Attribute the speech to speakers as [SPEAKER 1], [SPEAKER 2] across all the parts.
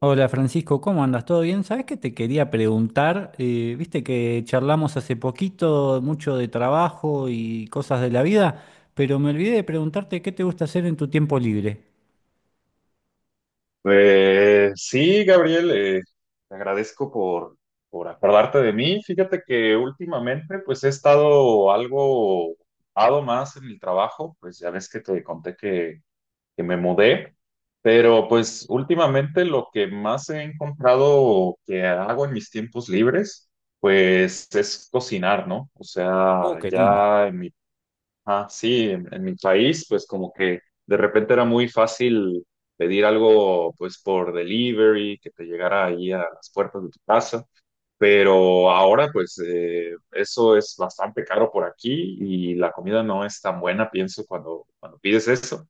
[SPEAKER 1] Hola Francisco, ¿cómo andas? ¿Todo bien? ¿Sabes que te quería preguntar? Viste que charlamos hace poquito mucho de trabajo y cosas de la vida, pero me olvidé de preguntarte qué te gusta hacer en tu tiempo libre.
[SPEAKER 2] Pues sí, Gabriel, te agradezco por acordarte de mí. Fíjate que últimamente pues he estado algo ocupado más en el trabajo, pues ya ves que te conté que me mudé, pero pues últimamente lo que más he encontrado que hago en mis tiempos libres pues es cocinar, ¿no? O sea,
[SPEAKER 1] Oh, qué lindo.
[SPEAKER 2] ya en mi. Ah, sí, en mi país, pues como que de repente era muy fácil pedir algo, pues por delivery, que te llegara ahí a las puertas de tu casa, pero ahora pues eso es bastante caro por aquí y la comida no es tan buena, pienso, cuando pides eso.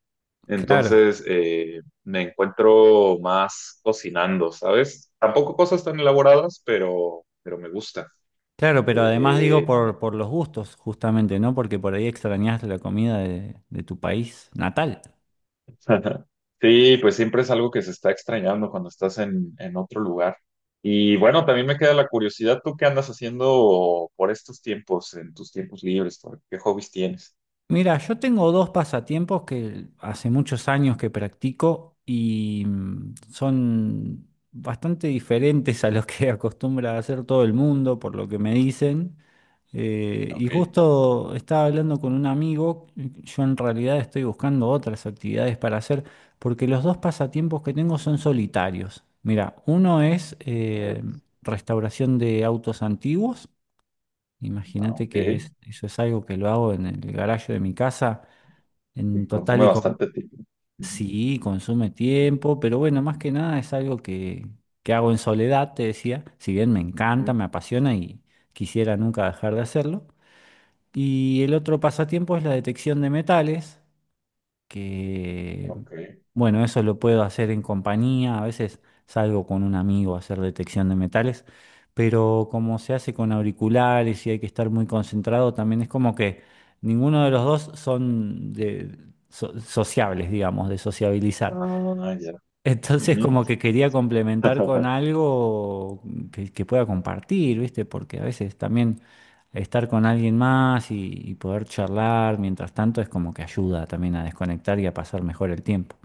[SPEAKER 1] Claro,
[SPEAKER 2] Entonces me encuentro más cocinando, ¿sabes? Tampoco cosas tan elaboradas, pero me gusta.
[SPEAKER 1] claro, pero además digo
[SPEAKER 2] Eh,
[SPEAKER 1] por los gustos, justamente, ¿no? Porque por ahí extrañás la comida de tu país natal.
[SPEAKER 2] Ajá. Sí, pues siempre es algo que se está extrañando cuando estás en otro lugar. Y bueno, también me queda la curiosidad, ¿tú qué andas haciendo por estos tiempos, en tus tiempos libres? ¿Qué hobbies tienes?
[SPEAKER 1] Mira, yo tengo dos pasatiempos que hace muchos años que practico y son bastante diferentes a los que acostumbra hacer todo el mundo, por lo que me dicen.
[SPEAKER 2] Ah,
[SPEAKER 1] Y
[SPEAKER 2] ok.
[SPEAKER 1] justo estaba hablando con un amigo, yo en realidad estoy buscando otras actividades para hacer, porque los dos pasatiempos que tengo son solitarios. Mira, uno es
[SPEAKER 2] A ver.
[SPEAKER 1] restauración de autos antiguos.
[SPEAKER 2] Ah,
[SPEAKER 1] Imagínate
[SPEAKER 2] ok.
[SPEAKER 1] que eso es algo que lo hago en el garaje de mi casa. En
[SPEAKER 2] Y
[SPEAKER 1] total
[SPEAKER 2] consume
[SPEAKER 1] y con,
[SPEAKER 2] bastante tiempo. Ujú,
[SPEAKER 1] sí, consume
[SPEAKER 2] ujú,
[SPEAKER 1] tiempo, pero bueno, más que nada es algo que hago en soledad, te decía. Si bien me encanta,
[SPEAKER 2] ujú.
[SPEAKER 1] me apasiona y quisiera nunca dejar de hacerlo. Y el otro pasatiempo es la detección de metales que,
[SPEAKER 2] Ok.
[SPEAKER 1] bueno, eso lo puedo hacer en compañía, a veces salgo con un amigo a hacer detección de metales, pero como se hace con auriculares y hay que estar muy concentrado, también es como que ninguno de los dos son de sociables, digamos, de sociabilizar.
[SPEAKER 2] Ah, ya.
[SPEAKER 1] Entonces
[SPEAKER 2] Ujú.
[SPEAKER 1] como que quería complementar con algo que pueda compartir, ¿viste? Porque a veces también estar con alguien más y poder charlar mientras tanto es como que ayuda también a desconectar y a pasar mejor el tiempo.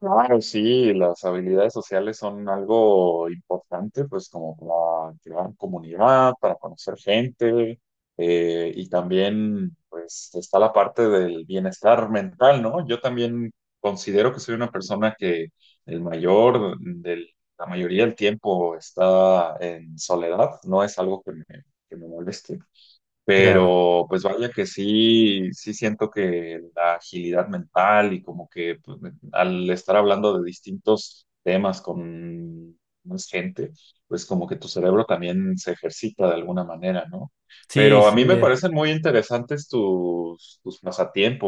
[SPEAKER 2] Claro, sí, las habilidades sociales son algo importante, pues como para crear comunidad, para conocer gente, y también pues está la parte del bienestar mental, ¿no? Yo también considero que soy una persona que el mayor del, la mayoría del tiempo está en soledad, no es algo que que me moleste.
[SPEAKER 1] Claro.
[SPEAKER 2] Pero pues vaya que sí, sí siento que la agilidad mental y como que pues, al estar hablando de distintos temas con más gente, pues como que tu cerebro también se ejercita de alguna manera, ¿no?
[SPEAKER 1] Sí,
[SPEAKER 2] Pero a mí
[SPEAKER 1] sí,
[SPEAKER 2] me
[SPEAKER 1] es.
[SPEAKER 2] parecen muy interesantes tus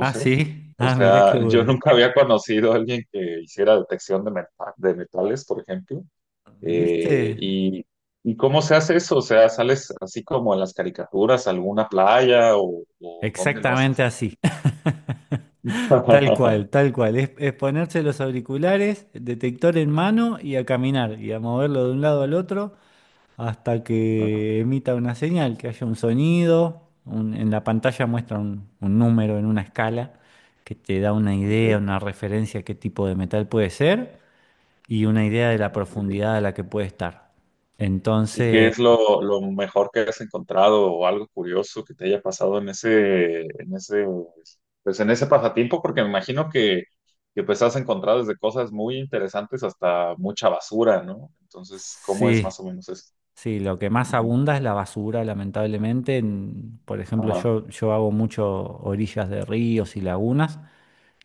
[SPEAKER 1] Ah,
[SPEAKER 2] ¿eh?
[SPEAKER 1] sí.
[SPEAKER 2] O
[SPEAKER 1] Ah, mirá qué
[SPEAKER 2] sea, yo
[SPEAKER 1] bueno.
[SPEAKER 2] nunca había conocido a alguien que hiciera detección de, de metales, por ejemplo. Eh,
[SPEAKER 1] ¿Viste?
[SPEAKER 2] y, ¿Y cómo se hace eso? O sea, ¿sales así como en las caricaturas, a alguna playa o dónde lo
[SPEAKER 1] Exactamente
[SPEAKER 2] haces?
[SPEAKER 1] así. Tal cual, tal cual. Es ponerse los auriculares, detector en mano y a caminar y a moverlo de un lado al otro hasta
[SPEAKER 2] Ah,
[SPEAKER 1] que emita una señal, que haya un sonido, en la pantalla muestra un número en una escala que te da una
[SPEAKER 2] ok,
[SPEAKER 1] idea, una referencia a qué tipo de metal puede ser y una idea de la
[SPEAKER 2] ok, ok.
[SPEAKER 1] profundidad a la que puede estar.
[SPEAKER 2] ¿Y qué
[SPEAKER 1] Entonces,
[SPEAKER 2] es lo mejor que has encontrado o algo curioso que te haya pasado en ese, pues en ese pasatiempo? Porque me imagino que pues has encontrado desde cosas muy interesantes hasta mucha basura, ¿no? Entonces, ¿cómo es
[SPEAKER 1] sí,
[SPEAKER 2] más o menos eso?
[SPEAKER 1] sí, lo que más
[SPEAKER 2] Ujú.
[SPEAKER 1] abunda es la basura, lamentablemente. Por ejemplo,
[SPEAKER 2] Ajá,
[SPEAKER 1] yo hago mucho orillas de ríos y lagunas,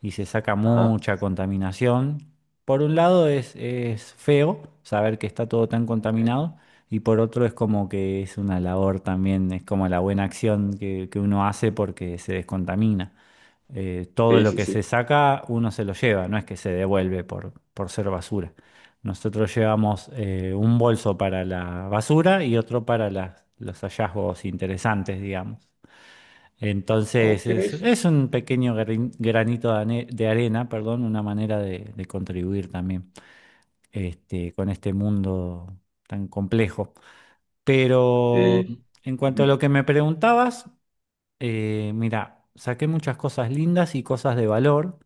[SPEAKER 1] y se saca
[SPEAKER 2] ajá.
[SPEAKER 1] mucha contaminación. Por un lado es feo saber que está todo tan
[SPEAKER 2] Ok.
[SPEAKER 1] contaminado y por otro es como que es una labor también, es como la buena acción que uno hace porque se descontamina. Todo
[SPEAKER 2] Sí,
[SPEAKER 1] lo
[SPEAKER 2] sí,
[SPEAKER 1] que se
[SPEAKER 2] sí.
[SPEAKER 1] saca uno se lo lleva, no es que se devuelve por ser basura. Nosotros llevamos un bolso para la basura y otro para los hallazgos interesantes, digamos. Entonces
[SPEAKER 2] Ok.
[SPEAKER 1] es un pequeño granito de, de arena, perdón, una manera de contribuir también este, con este mundo tan complejo. Pero
[SPEAKER 2] Sí.
[SPEAKER 1] en cuanto a lo
[SPEAKER 2] Ujú.
[SPEAKER 1] que me preguntabas, mira, saqué muchas cosas lindas y cosas de valor.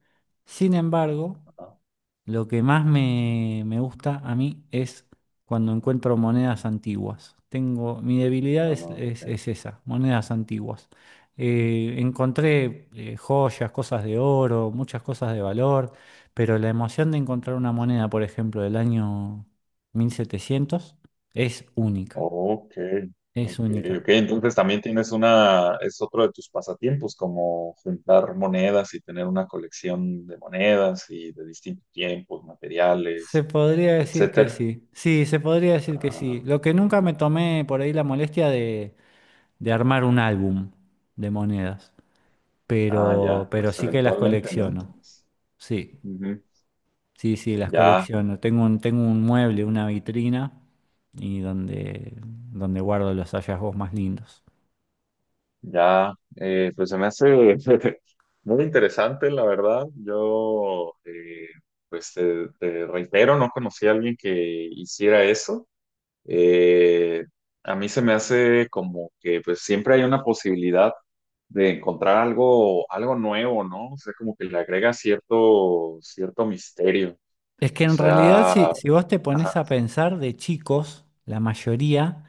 [SPEAKER 1] Sin embargo,
[SPEAKER 2] Ajá.
[SPEAKER 1] lo que más me gusta a mí es cuando encuentro monedas antiguas. Tengo, mi debilidad
[SPEAKER 2] Ah,
[SPEAKER 1] es,
[SPEAKER 2] ah, ok.
[SPEAKER 1] es esa, monedas antiguas. Encontré joyas, cosas de oro, muchas cosas de valor, pero la emoción de encontrar
[SPEAKER 2] Ajá.
[SPEAKER 1] una moneda, por ejemplo, del año 1700, es única,
[SPEAKER 2] Ok,
[SPEAKER 1] es
[SPEAKER 2] ok, ok.
[SPEAKER 1] única.
[SPEAKER 2] Entonces también tienes una, es otro de tus pasatiempos, como juntar monedas y tener una colección de monedas y de distintos tiempos,
[SPEAKER 1] Se
[SPEAKER 2] materiales,
[SPEAKER 1] podría decir que
[SPEAKER 2] etcétera.
[SPEAKER 1] sí, sí, se podría decir que sí.
[SPEAKER 2] Ah,
[SPEAKER 1] Lo que nunca me tomé por ahí la molestia de armar un álbum de monedas.
[SPEAKER 2] ah,
[SPEAKER 1] pero,
[SPEAKER 2] ya,
[SPEAKER 1] pero
[SPEAKER 2] pues
[SPEAKER 1] sí que las
[SPEAKER 2] eventualmente, ¿no?
[SPEAKER 1] colecciono.
[SPEAKER 2] Entonces,
[SPEAKER 1] Sí,
[SPEAKER 2] ujú.
[SPEAKER 1] sí, sí, las
[SPEAKER 2] Ya.
[SPEAKER 1] colecciono. Tengo un mueble, una vitrina, y donde, donde guardo los hallazgos más lindos.
[SPEAKER 2] Ya, pues se me hace muy interesante, la verdad. Pues te reitero, no conocí a alguien que hiciera eso. Eh, a mí se me hace como que pues siempre hay una posibilidad de encontrar algo, algo nuevo, ¿no? O sea, como que le agrega cierto, cierto misterio.
[SPEAKER 1] Es que
[SPEAKER 2] O
[SPEAKER 1] en realidad,
[SPEAKER 2] sea,
[SPEAKER 1] si, si vos te pones
[SPEAKER 2] ajá,
[SPEAKER 1] a pensar de chicos, la mayoría,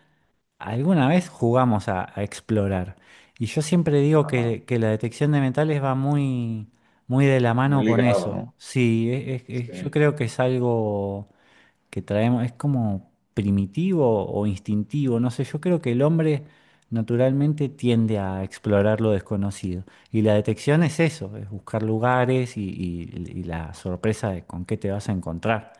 [SPEAKER 1] alguna vez jugamos a explorar. Y yo siempre digo
[SPEAKER 2] ajá,
[SPEAKER 1] que la detección de metales va muy, muy de la
[SPEAKER 2] muy
[SPEAKER 1] mano con
[SPEAKER 2] ligado,
[SPEAKER 1] eso.
[SPEAKER 2] ¿no?
[SPEAKER 1] Sí, yo
[SPEAKER 2] Sí.
[SPEAKER 1] creo que es algo que traemos, es como primitivo o instintivo, no sé, yo creo que el hombre naturalmente tiende a
[SPEAKER 2] ¿No?
[SPEAKER 1] explorar lo desconocido. Y la detección es eso, es buscar lugares y la sorpresa de con qué te vas a encontrar.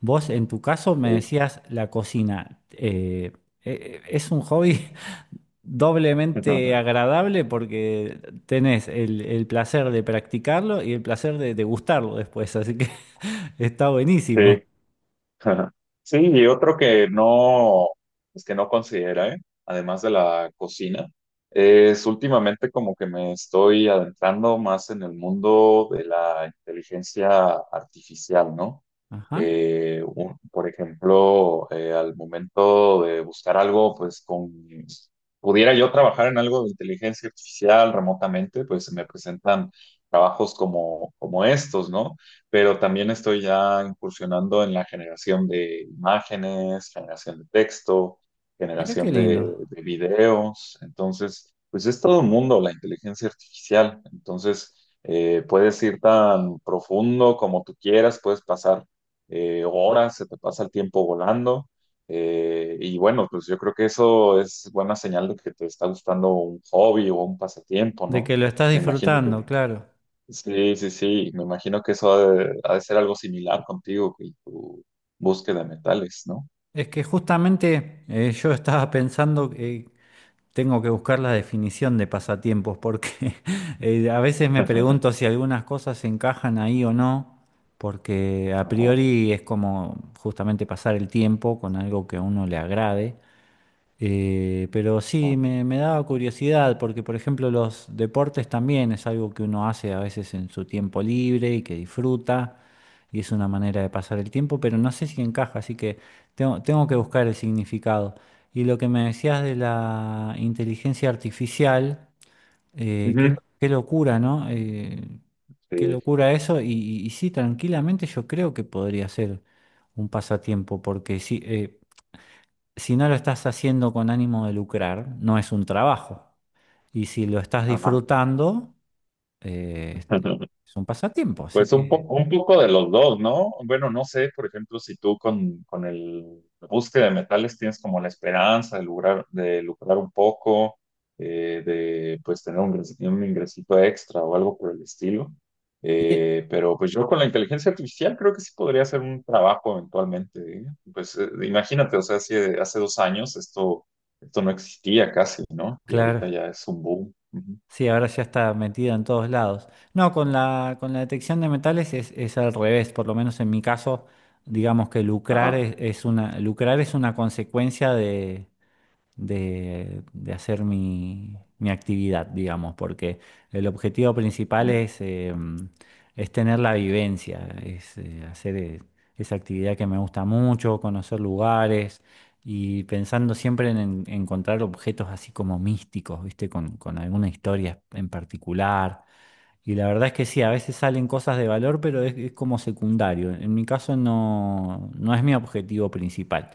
[SPEAKER 1] Vos en tu caso me
[SPEAKER 2] Sí.
[SPEAKER 1] decías la cocina, es un
[SPEAKER 2] Ujú.
[SPEAKER 1] hobby doblemente agradable porque tenés el placer de practicarlo y el placer de degustarlo después, así que está
[SPEAKER 2] Sí,
[SPEAKER 1] buenísimo.
[SPEAKER 2] ajá. Sí, y otro que no, pues que no considera, ¿eh? Además de la cocina, es últimamente como que me estoy adentrando más en el mundo de la inteligencia artificial, ¿no?
[SPEAKER 1] Ajá.
[SPEAKER 2] Por ejemplo, al momento de buscar algo, pues con, pudiera yo trabajar en algo de inteligencia artificial remotamente, pues se me presentan trabajos como estos, ¿no? Pero también estoy ya incursionando en la generación de imágenes, generación de texto,
[SPEAKER 1] Mira qué
[SPEAKER 2] generación
[SPEAKER 1] lindo,
[SPEAKER 2] de videos. Entonces, pues es todo un mundo la inteligencia artificial. Entonces, puedes ir tan profundo como tú quieras, puedes pasar horas, se te pasa el tiempo volando. Y bueno, pues yo creo que eso es buena señal de que te está gustando un hobby o un pasatiempo,
[SPEAKER 1] de
[SPEAKER 2] ¿no?
[SPEAKER 1] que lo estás
[SPEAKER 2] Me imagino
[SPEAKER 1] disfrutando,
[SPEAKER 2] que
[SPEAKER 1] claro.
[SPEAKER 2] sí, sí, sí. Me imagino que eso ha de ser algo similar contigo y tu búsqueda de metales, ¿no?
[SPEAKER 1] Es que justamente yo estaba pensando que tengo que buscar la definición de pasatiempos, porque a veces me
[SPEAKER 2] Ajá.
[SPEAKER 1] pregunto si algunas cosas se encajan ahí o no, porque a
[SPEAKER 2] Ajá.
[SPEAKER 1] priori es como justamente pasar el tiempo con algo que a uno le agrade. Pero sí, me daba curiosidad porque, por ejemplo, los deportes también es algo que uno hace a veces en su tiempo libre y que disfruta y es una manera de pasar el tiempo, pero no sé si encaja, así que tengo, tengo que buscar el significado. Y lo que me decías de la inteligencia artificial, qué,
[SPEAKER 2] Ujú.
[SPEAKER 1] qué locura, ¿no? Qué
[SPEAKER 2] Sí.
[SPEAKER 1] locura eso y sí, tranquilamente yo creo que podría ser un pasatiempo porque sí. Si no lo estás haciendo con ánimo de lucrar, no es un trabajo. Y si lo estás
[SPEAKER 2] Ajá.
[SPEAKER 1] disfrutando, eh, es un pasatiempo. Así
[SPEAKER 2] Pues
[SPEAKER 1] que,
[SPEAKER 2] un poco de los dos, ¿no? Bueno, no sé, por ejemplo, si tú con el la búsqueda de metales tienes como la esperanza de lograr, de lucrar un poco, de pues tener un, un ingresito extra o algo por el estilo.
[SPEAKER 1] y-
[SPEAKER 2] Pero pues yo con la inteligencia artificial creo que sí podría hacer un trabajo eventualmente, ¿eh? Pues imagínate, o sea, hace 2 años esto, esto no existía casi, ¿no? Y ahorita
[SPEAKER 1] claro,
[SPEAKER 2] ya es un boom. Ujú.
[SPEAKER 1] sí, ahora ya está metido en todos lados. No, con la detección de metales es al revés, por lo menos en mi caso, digamos que lucrar
[SPEAKER 2] Ajá.
[SPEAKER 1] es una, lucrar es una consecuencia de hacer mi, mi actividad, digamos, porque el objetivo principal
[SPEAKER 2] Ujú.
[SPEAKER 1] es tener la vivencia, es hacer esa actividad que me gusta mucho, conocer lugares y pensando siempre en encontrar objetos así como místicos, ¿viste? Con alguna historia en particular y la verdad es que sí, a veces salen cosas de valor, pero es como secundario. En mi caso no, no es mi objetivo principal.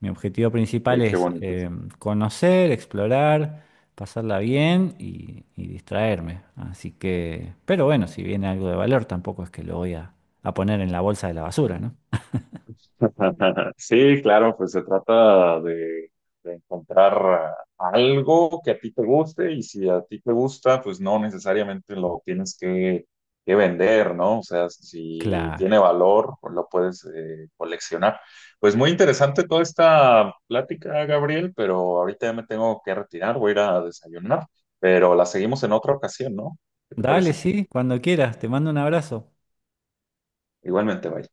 [SPEAKER 1] Mi objetivo principal
[SPEAKER 2] Qué, qué
[SPEAKER 1] es
[SPEAKER 2] bonito.
[SPEAKER 1] conocer, explorar, pasarla bien y distraerme. Así que, pero bueno, si viene algo de valor, tampoco es que lo voy a poner en la bolsa de la basura, ¿no?
[SPEAKER 2] Sí, claro, pues se trata de encontrar algo que a ti te guste y si a ti te gusta, pues no necesariamente lo tienes que vender, ¿no? O sea, si
[SPEAKER 1] Claro.
[SPEAKER 2] tiene valor, pues lo puedes coleccionar. Pues muy interesante toda esta plática, Gabriel, pero ahorita ya me tengo que retirar, voy a ir a desayunar, pero la seguimos en otra ocasión, ¿no? ¿Qué te
[SPEAKER 1] Dale,
[SPEAKER 2] parece?
[SPEAKER 1] sí, cuando quieras. Te mando un abrazo.
[SPEAKER 2] Igualmente, bye.